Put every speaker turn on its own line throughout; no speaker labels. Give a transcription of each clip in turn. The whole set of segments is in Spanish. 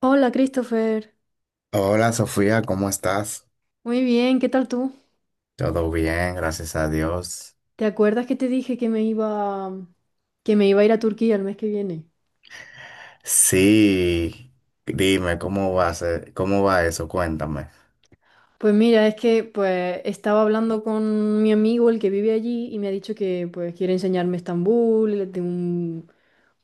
Hola, Christopher.
Hola Sofía, ¿cómo estás?
Muy bien, ¿qué tal tú?
Todo bien, gracias a Dios.
¿Te acuerdas que te dije que me iba a ir a Turquía el mes que viene?
Sí, dime, ¿cómo va eso? Cuéntame.
Pues mira, es que pues estaba hablando con mi amigo, el que vive allí, y me ha dicho que pues quiere enseñarme Estambul, de un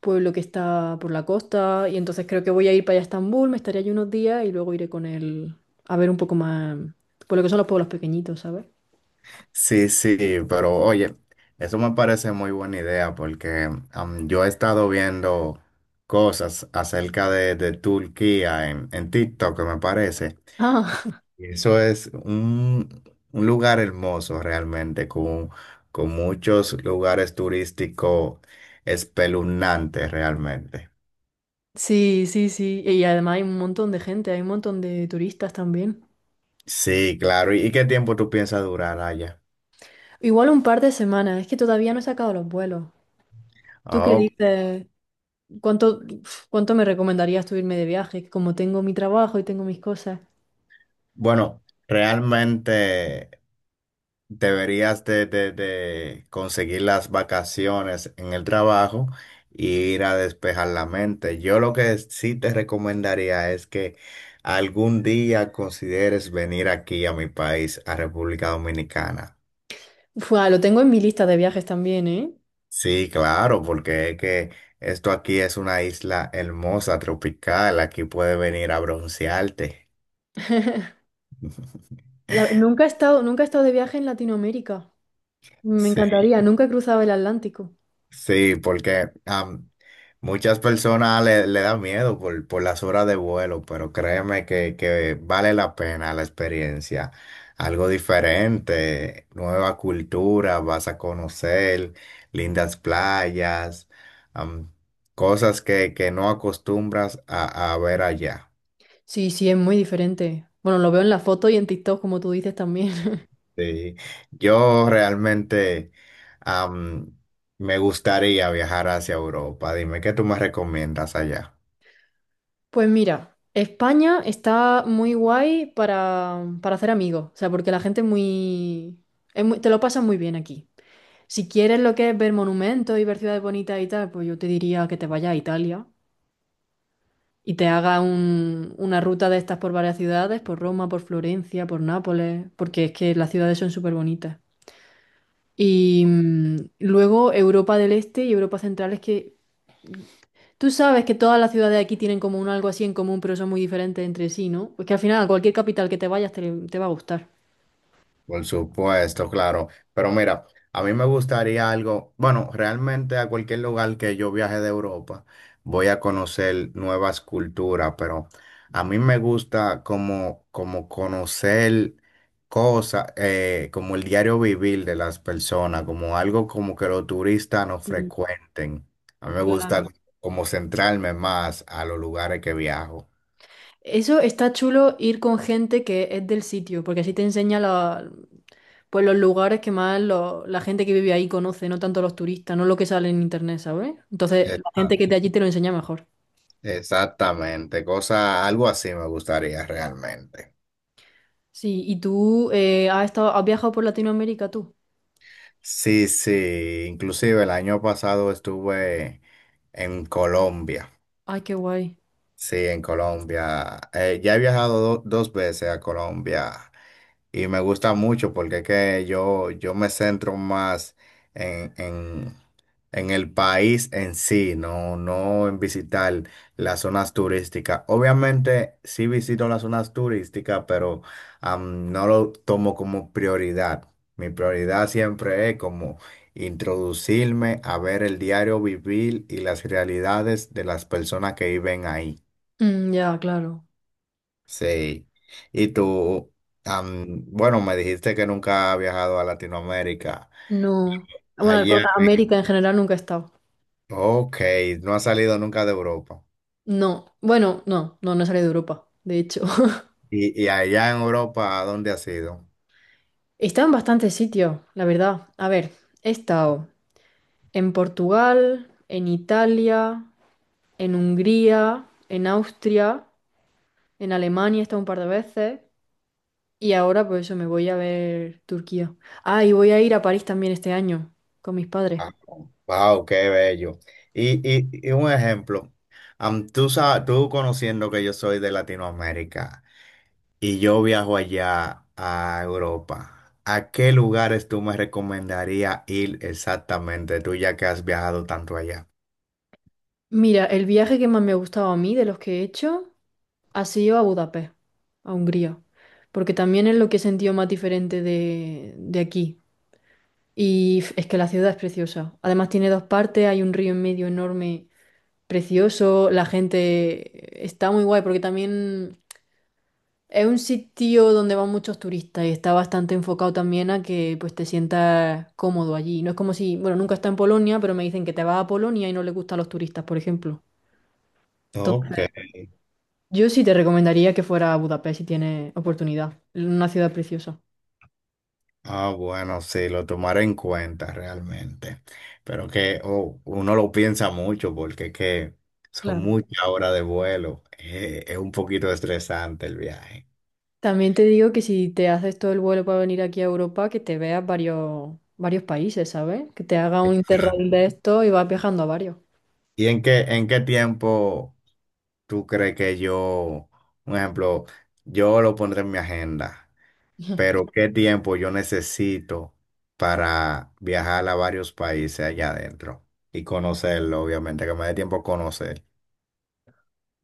pueblo que está por la costa, y entonces creo que voy a ir para allá a Estambul, me estaré allí unos días y luego iré con él a ver un poco más por lo que son los pueblos pequeñitos, ¿sabes?
Sí, sí, pero oye, eso me parece muy buena idea porque yo he estado viendo cosas acerca de Turquía en TikTok, me parece.
Ah,
Y Eso es un lugar hermoso realmente, con muchos lugares turísticos espeluznantes realmente.
sí, sí, sí. Y además hay un montón de gente, hay un montón de turistas también.
Sí, claro. ¿Y qué tiempo tú piensas durar allá?
Igual un par de semanas, es que todavía no he sacado los vuelos. ¿Tú qué
Oh,
dices? ¿Cuánto, uf, cuánto me recomendarías tú irme de viaje? Como tengo mi trabajo y tengo mis cosas.
bueno, realmente, deberías de conseguir las vacaciones en el trabajo y ir a despejar la mente. Yo lo que sí te recomendaría es que algún día consideres venir aquí a mi país, a República Dominicana.
Uf, ah, lo tengo en mi lista de viajes también, ¿eh?
Sí, claro, porque es que esto aquí es una isla hermosa, tropical. Aquí puedes venir a broncearte.
Nunca he estado, nunca he estado de viaje en Latinoamérica. Me
Sí.
encantaría, nunca he cruzado el Atlántico.
Sí, porque muchas personas le da miedo por las horas de vuelo, pero créeme que vale la pena la experiencia. Algo diferente, nueva cultura, vas a conocer lindas playas, am, cosas que no acostumbras a ver allá.
Sí, sí, es muy diferente. Bueno, lo veo en la foto y en TikTok, como tú dices también.
Sí. Yo realmente, am, me gustaría viajar hacia Europa. Dime, ¿qué tú me recomiendas allá?
Pues mira, España está muy guay para hacer amigos. O sea, porque la gente es muy, te lo pasan muy bien aquí. Si quieres lo que es ver monumentos y ver ciudades bonitas y tal, pues yo te diría que te vayas a Italia y te haga una ruta de estas por varias ciudades, por Roma, por Florencia, por Nápoles, porque es que las ciudades son súper bonitas. Luego Europa del Este y Europa Central es que tú sabes que todas las ciudades de aquí tienen como un algo así en común, pero son muy diferentes entre sí, ¿no? Pues que al final a cualquier capital que te vayas te va a gustar.
Por supuesto, claro. Pero mira, a mí me gustaría algo, bueno, realmente a cualquier lugar que yo viaje de Europa, voy a conocer nuevas culturas, pero a mí me gusta como, como conocer cosas, como el diario vivir de las personas, como algo como que los turistas no
Sí,
frecuenten. A mí me gusta
claro.
como centrarme más a los lugares que viajo.
Eso está chulo ir con gente que es del sitio, porque así te enseña la pues los lugares que más la gente que vive ahí conoce, no tanto los turistas, no lo que sale en internet, ¿sabes? Entonces, la gente que
Exacto.
de allí te lo enseña mejor.
Exactamente, cosa, algo así me gustaría realmente.
Sí, y tú has viajado por Latinoamérica tú.
Sí, sí, inclusive el año pasado estuve en Colombia,
Ay, qué guay.
sí, en Colombia. Ya he viajado dos veces a Colombia y me gusta mucho porque es que yo me centro más en, en el país en sí, no en visitar las zonas turísticas. Obviamente sí visito las zonas turísticas, pero no lo tomo como prioridad. Mi prioridad siempre es como introducirme a ver el diario vivir y las realidades de las personas que viven ahí.
Mm, ya, claro.
Sí. Y tú, bueno, me dijiste que nunca has viajado a Latinoamérica.
No. Bueno,
Allá,
a América en general nunca he estado.
ok, no has salido nunca de Europa.
No. Bueno, no, no, no he salido de Europa, de hecho.
Y allá en Europa, ¿a dónde has ido?
He estado en bastantes sitios, la verdad. A ver, he estado en Portugal, en Italia, en Hungría, en Austria. En Alemania he estado un par de veces y ahora pues eso me voy a ver Turquía. Ah, y voy a ir a París también este año con mis padres.
Ah, wow, qué bello. Y un ejemplo, tú, tú conociendo que yo soy de Latinoamérica y yo viajo allá a Europa, ¿a qué lugares tú me recomendarías ir exactamente, tú ya que has viajado tanto allá?
Mira, el viaje que más me ha gustado a mí de los que he hecho ha sido a Budapest, a Hungría, porque también es lo que he sentido más diferente de aquí. Y es que la ciudad es preciosa. Además tiene dos partes, hay un río en medio enorme, precioso, la gente está muy guay porque también... Es un sitio donde van muchos turistas y está bastante enfocado también a que pues te sientas cómodo allí. No es como si, bueno, nunca está en Polonia, pero me dicen que te vas a Polonia y no le gusta a los turistas, por ejemplo.
Ok.
Entonces, yo sí te recomendaría que fuera a Budapest si tienes oportunidad. Una ciudad preciosa.
Ah, bueno, sí, lo tomaré en cuenta realmente. Pero que oh, uno lo piensa mucho porque es que son
Claro.
muchas horas de vuelo. Es un poquito estresante el viaje.
También te digo que si te haces todo el vuelo para venir aquí a Europa, que te veas varios, varios países, ¿sabes? Que te haga un interrail de esto y vas viajando a varios.
¿Y en qué tiempo tú crees que yo, un ejemplo, yo lo pondré en mi agenda, pero qué tiempo yo necesito para viajar a varios países allá adentro y conocerlo, obviamente, que me dé tiempo a conocer?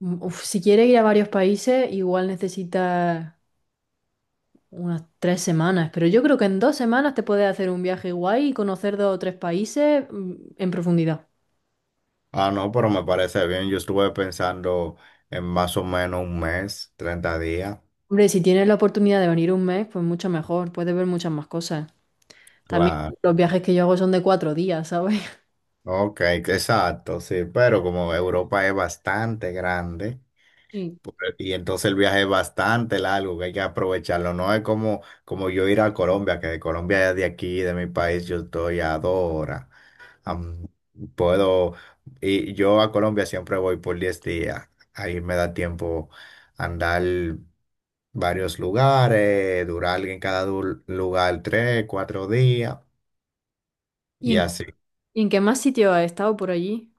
Uf, si quieres ir a varios países, igual necesitas unas 3 semanas, pero yo creo que en 2 semanas te puedes hacer un viaje guay y conocer dos o tres países en profundidad.
Ah, no, pero me parece bien. Yo estuve pensando en más o menos un mes, 30 días.
Hombre, si tienes la oportunidad de venir un mes, pues mucho mejor, puedes ver muchas más cosas. También
Claro.
los viajes que yo hago son de 4 días, ¿sabes?
Ok, exacto, sí. Pero como Europa es bastante grande
Sí.
y entonces el viaje es bastante largo, que hay que aprovecharlo. No es como, como yo ir a Colombia, que de Colombia de aquí, de mi país, yo estoy a dos horas. Am, puedo, y yo a Colombia siempre voy por 10 días. Ahí me da tiempo andar varios lugares, durar en cada lugar 3 4 días
¿Y
y
en,
así.
y en qué más sitio has estado por allí?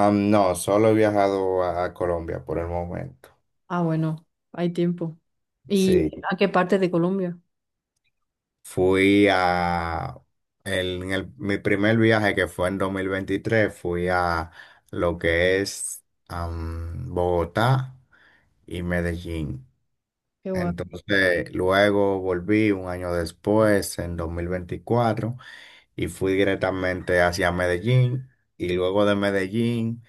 No, solo he viajado a Colombia por el momento.
Ah, bueno, hay tiempo. ¿Y
Sí,
a qué parte de Colombia?
fui a, mi primer viaje que fue en 2023 fui a lo que es Bogotá y Medellín.
Qué guay.
Entonces, luego volví un año después, en 2024, y fui directamente hacia Medellín. Y luego de Medellín,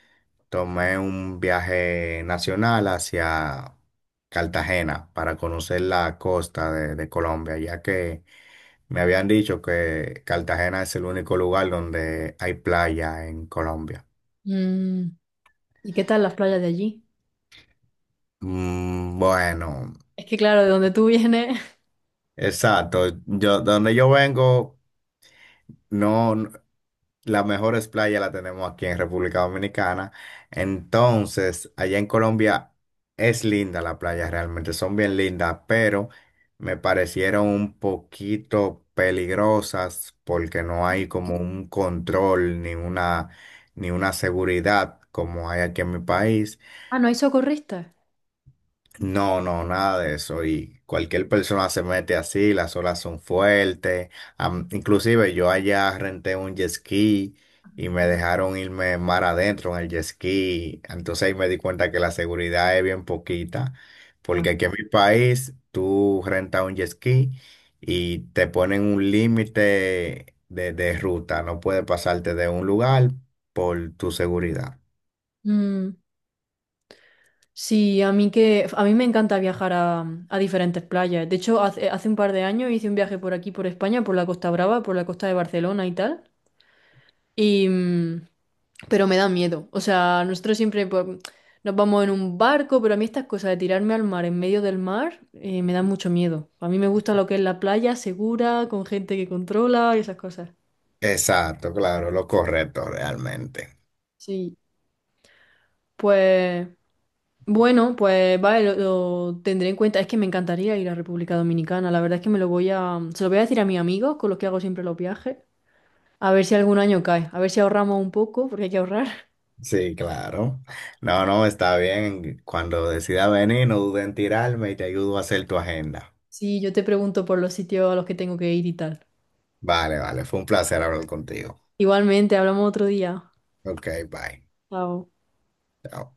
tomé un viaje nacional hacia Cartagena para conocer la costa de Colombia, ya que me habían dicho que Cartagena es el único lugar donde hay playa en Colombia.
Mm, ¿y qué tal las playas de allí?
Mm, bueno,
Es que claro, de donde tú vienes...
exacto. Yo, donde yo vengo, no, no- las mejores playas las tenemos aquí en República Dominicana. Entonces, allá en Colombia es linda la playa, realmente son bien lindas, pero me parecieron un poquito peligrosas porque no hay como un control ni una, ni una seguridad como hay aquí en mi país.
Ah, ¿no hay socorristas?
No, no, nada de eso. Y cualquier persona se mete así, las olas son fuertes. Inclusive yo allá renté un jet ski y me dejaron irme mar adentro en el jet ski. Entonces ahí me di cuenta que la seguridad es bien poquita,
Ya.
porque aquí en mi país tú rentas un jet ski y te ponen un límite de ruta. No puedes pasarte de un lugar por tu seguridad.
Mm, sí, a mí que a mí me encanta viajar a diferentes playas. De hecho, hace un par de años hice un viaje por aquí, por España, por la Costa Brava, por la costa de Barcelona y tal. Y mm, pero me da miedo. O sea, nosotros siempre pues, nos vamos en un barco, pero a mí estas cosas de tirarme al mar en medio del mar me dan mucho miedo. A mí me gusta lo que es la playa segura, con gente que controla y esas cosas.
Exacto, claro, lo correcto realmente.
Sí. Pues bueno, pues vale, lo tendré en cuenta. Es que me encantaría ir a República Dominicana. La verdad es que me lo voy a, se lo voy a decir a mis amigos con los que hago siempre los viajes. A ver si algún año cae. A ver si ahorramos un poco, porque hay que ahorrar.
Sí, claro. No, no, está bien. Cuando decida venir, no dudes en tirarme y te ayudo a hacer tu agenda.
Sí, yo te pregunto por los sitios a los que tengo que ir y tal.
Vale, vale. Fue un placer hablar contigo.
Igualmente, hablamos otro día.
Ok, bye.
Chao.
Chao.